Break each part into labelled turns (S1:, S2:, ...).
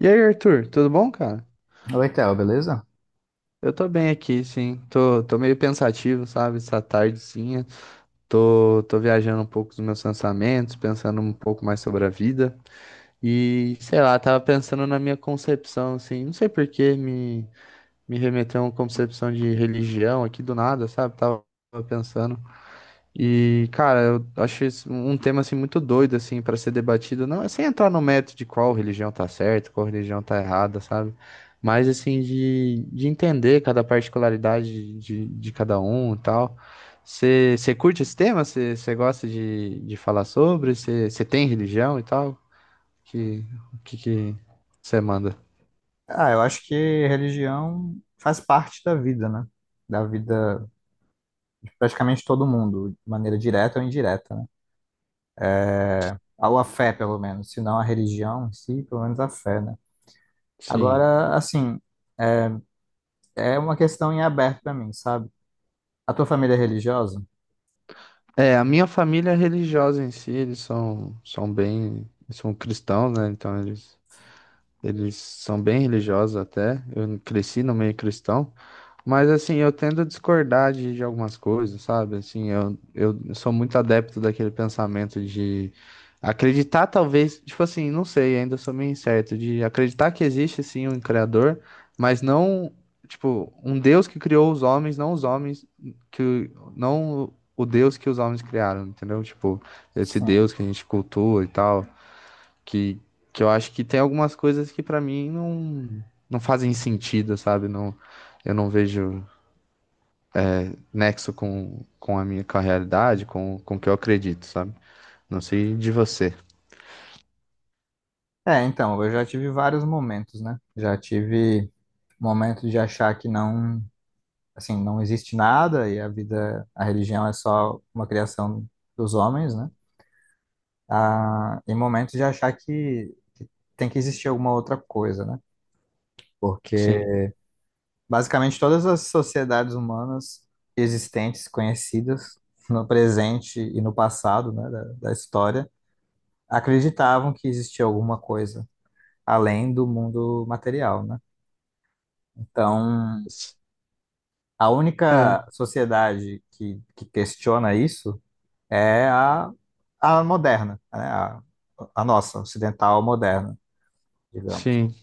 S1: E aí, Arthur, tudo bom, cara?
S2: Oi, Theo, beleza?
S1: Eu tô bem aqui, sim. Tô meio pensativo, sabe? Essa tardezinha. Tô viajando um pouco dos meus pensamentos, pensando um pouco mais sobre a vida. E, sei lá, tava pensando na minha concepção, assim. Não sei por que me remeteu a uma concepção de religião aqui do nada, sabe? Tava pensando. E, cara, eu acho isso um tema assim muito doido assim para ser debatido, não é sem entrar no mérito de qual religião tá certa, qual religião tá errada, sabe? Mas assim de entender cada particularidade de cada um e tal. Você curte esse tema? Você gosta de falar sobre? Você tem religião e tal? Que O que que você manda?
S2: Ah, eu acho que religião faz parte da vida, né? Da vida de praticamente todo mundo, de maneira direta ou indireta, né? Ou a fé, pelo menos, se não a religião em si, pelo menos a fé, né?
S1: Sim.
S2: Agora, assim, é é uma questão em aberto pra mim, sabe? A tua família é religiosa?
S1: É, a minha família é religiosa em si, eles são bem, eles são cristãos, né? Então eles são bem religiosos até. Eu cresci no meio cristão, mas assim, eu tendo a discordar de algumas coisas, sabe? Assim, eu sou muito adepto daquele pensamento de acreditar, talvez, tipo assim, não sei, ainda sou meio incerto, de acreditar que existe sim um criador, mas não, tipo, um Deus que criou os homens, não os homens que não o Deus que os homens criaram, entendeu? Tipo, esse
S2: Sim.
S1: Deus que a gente cultua e tal, que, que eu acho que tem algumas coisas que pra mim não fazem sentido, sabe? Não, eu não vejo nexo com a minha, com a realidade, com o que eu acredito, sabe? Não sei de você.
S2: É, então, eu já tive vários momentos, né? Já tive momento de achar que não. Assim, não existe nada e a vida, a religião é só uma criação dos homens, né? a Em momentos de achar que tem que existir alguma outra coisa, né?
S1: Sim.
S2: Porque basicamente todas as sociedades humanas existentes, conhecidas no presente e no passado, né, da história, acreditavam que existia alguma coisa além do mundo material, né? Então,
S1: S-
S2: a
S1: É,
S2: única sociedade que questiona isso é a moderna, né? A nossa, ocidental moderna, digamos.
S1: sim.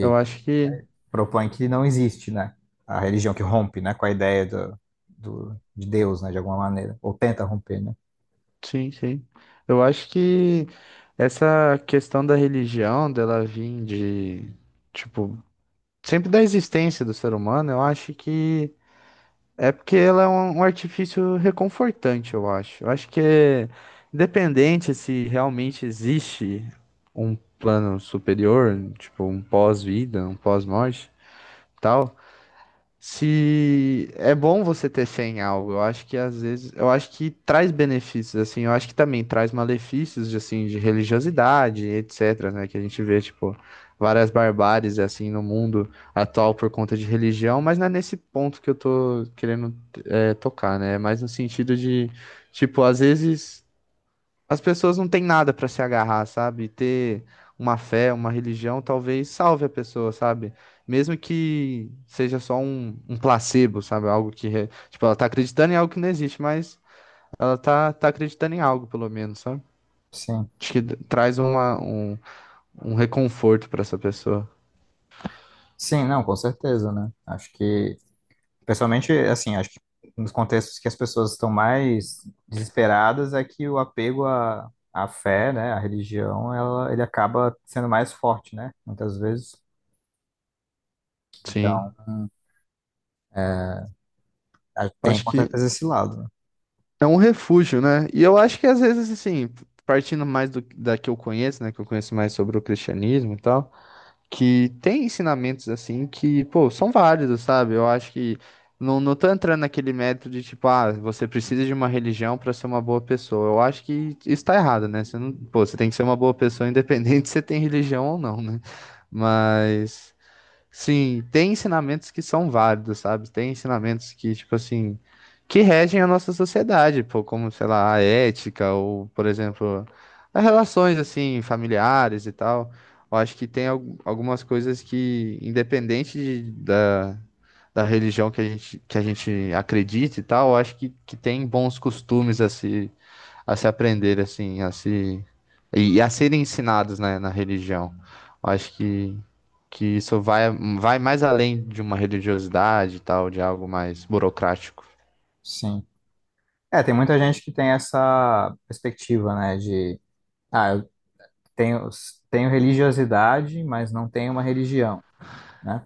S1: Eu acho que.
S2: propõe que não existe, né? A religião que rompe, né? Com a ideia de Deus, né? De alguma maneira. Ou tenta romper, né?
S1: Sim, sim. Eu acho que essa questão da religião, dela vir de. Tipo, sempre da existência do ser humano, eu acho que é porque ela é um artifício reconfortante, eu acho. Eu acho que é independente se realmente existe um plano superior, tipo um pós-vida, um pós-morte, tal. Se é bom você ter fé em algo, eu acho que às vezes, eu acho que traz benefícios, assim, eu acho que também traz malefícios, de, assim, de religiosidade, etc, né, que a gente vê, tipo, várias barbáries, assim, no mundo atual por conta de religião, mas não é nesse ponto que eu tô querendo, é, tocar, né, é mais no sentido de, tipo, às vezes. As pessoas não têm nada pra se agarrar, sabe? Ter uma fé, uma religião, talvez salve a pessoa, sabe? Mesmo que seja só um placebo, sabe? Algo que, tipo, ela tá acreditando em algo que não existe, mas ela tá acreditando em algo, pelo menos, sabe?
S2: Sim.
S1: Acho que traz uma, um reconforto pra essa pessoa.
S2: Sim, não, com certeza, né? Acho que, principalmente, assim, acho que nos contextos que as pessoas estão mais desesperadas é que o apego à fé, né? À religião, ela, ele acaba sendo mais forte, né? Muitas vezes.
S1: Sim.
S2: Então, ah, tem
S1: Acho
S2: com
S1: que
S2: certeza esse lado, né?
S1: é um refúgio, né? E eu acho que às vezes, assim, partindo mais da que eu conheço, né? Que eu conheço mais sobre o cristianismo e tal. Que tem ensinamentos assim que, pô, são válidos, sabe? Eu acho que não tô entrando naquele método de tipo, ah, você precisa de uma religião para ser uma boa pessoa. Eu acho que isso tá errado, né? Você não, pô, você tem que ser uma boa pessoa independente se você tem religião ou não, né? Mas sim, tem ensinamentos que são válidos, sabe? Tem ensinamentos que, tipo assim, que regem a nossa sociedade, pô, como, sei lá, a ética, ou, por exemplo, as relações, assim, familiares e tal. Eu acho que tem algumas coisas que, independente da religião que a gente acredita e tal, eu acho que tem bons costumes a se, aprender, assim, a se. E a serem ensinados, né, na religião. Eu acho que isso vai mais além de uma religiosidade e tal, de algo mais burocrático.
S2: Sim. É, tem muita gente que tem essa perspectiva, né, de, ah, eu tenho, tenho religiosidade, mas não tenho uma religião, né?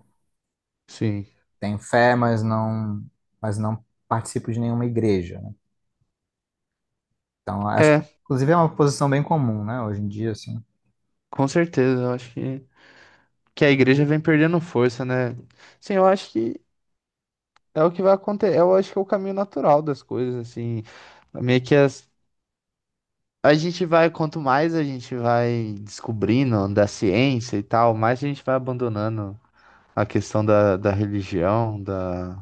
S1: Sim.
S2: Tenho fé, mas mas não participo de nenhuma igreja, né? Então, acho
S1: É,
S2: que, inclusive, é uma posição bem comum, né, hoje em dia, assim,
S1: com certeza. Eu acho que a igreja vem perdendo força, né? Sim, eu acho que é o que vai acontecer. Eu acho que é o caminho natural das coisas, assim. Meio que as, a gente vai, quanto mais a gente vai descobrindo da ciência e tal, mais a gente vai abandonando a questão da, da, religião, da,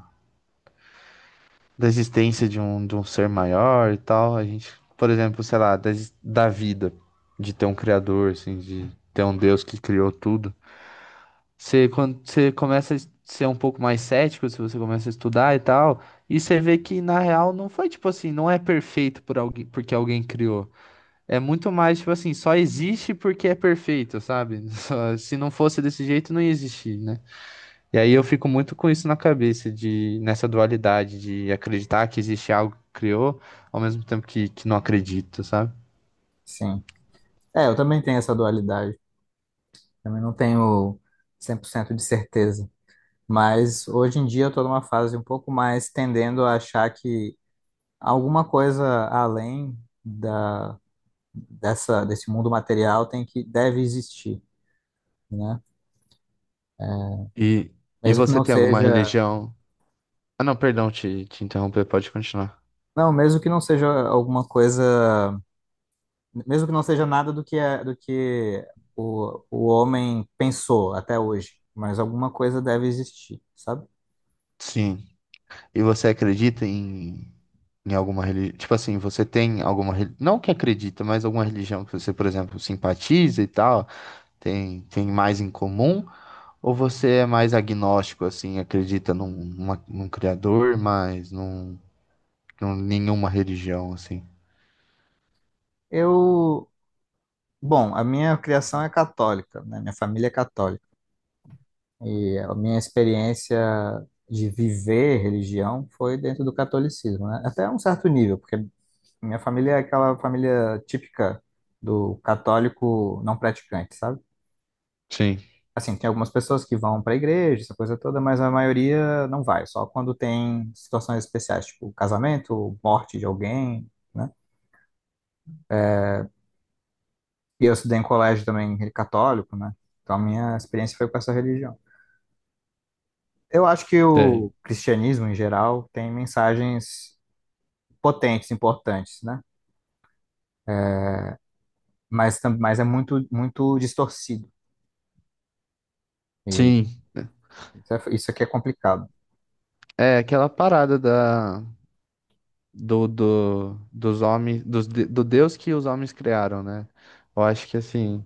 S1: da existência de um ser maior e tal. A gente, por exemplo, sei lá, da vida, de ter um criador, assim, de ter um Deus que criou tudo. Você, quando você começa a ser um pouco mais cético, se você começa a estudar e tal, e você vê que na real não foi tipo assim, não é perfeito por alguém, porque alguém criou. É muito mais tipo assim, só existe porque é perfeito, sabe? Se não fosse desse jeito, não ia existir, né? E aí eu fico muito com isso na cabeça, de nessa dualidade de acreditar que existe algo que criou, ao mesmo tempo que não acredito, sabe?
S2: sim. É, eu também tenho essa dualidade, também não tenho 100% de certeza, mas hoje em dia eu tô numa fase um pouco mais tendendo a achar que alguma coisa além da, dessa, desse mundo material tem que deve existir, né?
S1: E, e
S2: Mesmo que
S1: você
S2: não
S1: tem alguma
S2: seja,
S1: religião? Ah, não, perdão, te interromper, pode continuar.
S2: não, mesmo que não seja alguma coisa, mesmo que não seja nada do que é, do que o homem pensou até hoje, mas alguma coisa deve existir, sabe?
S1: Sim. E você acredita em alguma religião? Tipo assim, você tem alguma religião? Não que acredita, mas alguma religião que você, por exemplo, simpatiza e tal, tem mais em comum? Ou você é mais agnóstico, assim, acredita num criador, mas num. Não, nenhuma religião, assim.
S2: Eu, bom, a minha criação é católica, né? Minha família é católica e a minha experiência de viver religião foi dentro do catolicismo, né? Até um certo nível, porque minha família é aquela família típica do católico não praticante, sabe?
S1: Sim,
S2: Assim, tem algumas pessoas que vão para a igreja, essa coisa toda, mas a maioria não vai, só quando tem situações especiais, tipo casamento, morte de alguém, né? E eu estudei em colégio também católico, né? Então a minha experiência foi com essa religião. Eu acho que
S1: tem.
S2: o cristianismo, em geral, tem mensagens potentes, importantes, né? Mas, mas é muito, muito distorcido. E
S1: Sim.
S2: isso aqui é complicado.
S1: É aquela parada dos homens, do Deus que os homens criaram, né? Eu acho que, assim,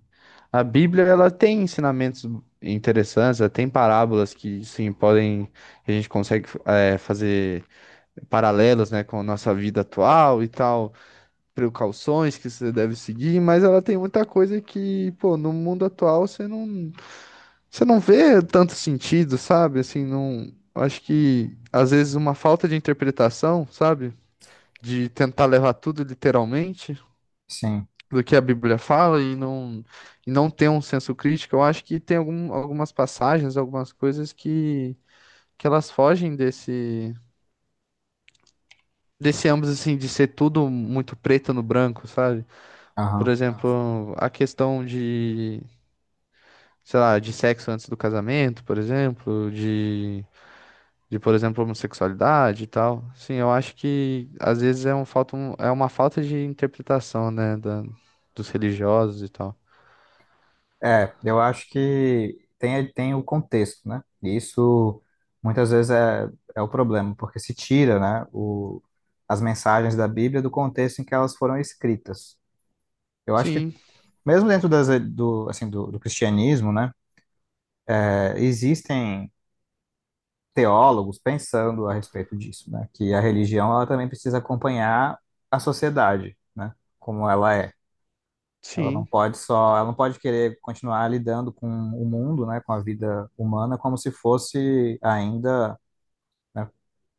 S1: a Bíblia, ela tem ensinamentos interessantes, ela tem parábolas que, sim, podem, a gente consegue é, fazer paralelos, né, com a nossa vida atual e tal, precauções que você deve seguir, mas ela tem muita coisa que, pô, no mundo atual. Você não vê tanto sentido, sabe? Assim, não. Eu acho que às vezes uma falta de interpretação, sabe? De tentar levar tudo literalmente
S2: Sim.
S1: do que a Bíblia fala e não, ter um senso crítico. Eu acho que tem algumas passagens, algumas coisas que elas fogem desse ambos, assim, de ser tudo muito preto no branco, sabe? Por
S2: Aham.
S1: exemplo, a questão de, sei lá, de sexo antes do casamento, por exemplo, de. De, por exemplo, homossexualidade e tal. Sim, eu acho que às vezes é uma falta de interpretação, né, dos religiosos e tal.
S2: É, eu acho que tem, tem o contexto, né? E isso muitas vezes é, é o problema, porque se tira, né, o, as mensagens da Bíblia do contexto em que elas foram escritas. Eu acho que
S1: Sim,
S2: mesmo dentro assim, do cristianismo, né, é, existem teólogos pensando a respeito disso, né? Que a religião ela também precisa acompanhar a sociedade, né? Como ela é. Ela não
S1: sim,
S2: pode só, ela não pode querer continuar lidando com o mundo, né, com a vida humana, como se fosse ainda, né,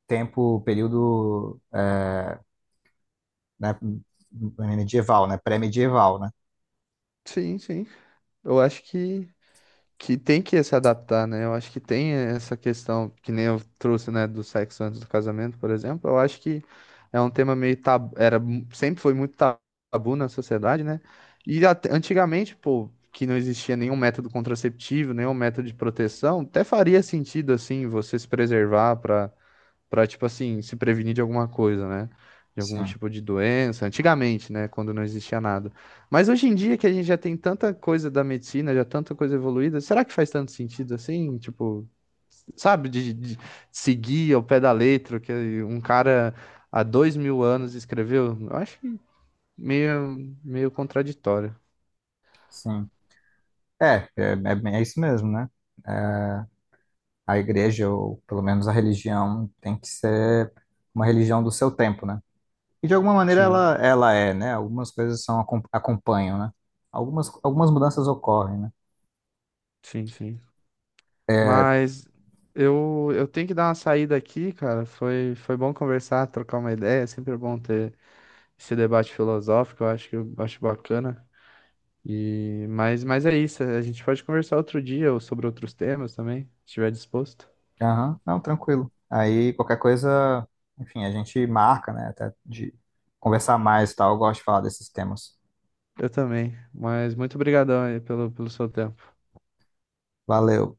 S2: tempo, período, né, medieval, né, pré-medieval, né?
S1: sim, sim. Eu acho que tem que se adaptar, né? Eu acho que tem essa questão, que nem eu trouxe, né, do sexo antes do casamento, por exemplo. Eu acho que é um tema meio tabu, era, sempre foi muito tabu na sociedade, né? E antigamente, pô, que não existia nenhum método contraceptivo, nenhum método de proteção, até faria sentido, assim, você se preservar para tipo assim, se prevenir de alguma coisa, né? De algum
S2: Sim,
S1: tipo de doença. Antigamente, né? Quando não existia nada. Mas hoje em dia que a gente já tem tanta coisa da medicina, já tanta coisa evoluída, será que faz tanto sentido assim? Tipo, sabe, de seguir ao pé da letra o que um cara há 2.000 anos escreveu? Eu acho que meio contraditório.
S2: sim. É, é bem- é isso mesmo, né? É, a igreja, ou pelo menos a religião, tem que ser uma religião do seu tempo, né? E de alguma maneira
S1: Sim,
S2: ela, ela é, né? Algumas coisas são, acompanham, né? Algumas, algumas mudanças ocorrem, né?
S1: sim, sim. Mas eu tenho que dar uma saída aqui, cara. Foi bom conversar, trocar uma ideia. É sempre bom ter esse debate filosófico, eu acho bacana. Mas é isso, a gente pode conversar outro dia ou sobre outros temas também, se estiver disposto.
S2: Aham, não, tranquilo. Aí qualquer coisa, enfim, a gente marca, né? Até de conversar mais e tal. Eu gosto de falar desses temas.
S1: Eu também, mas muito obrigadão aí pelo seu tempo.
S2: Valeu.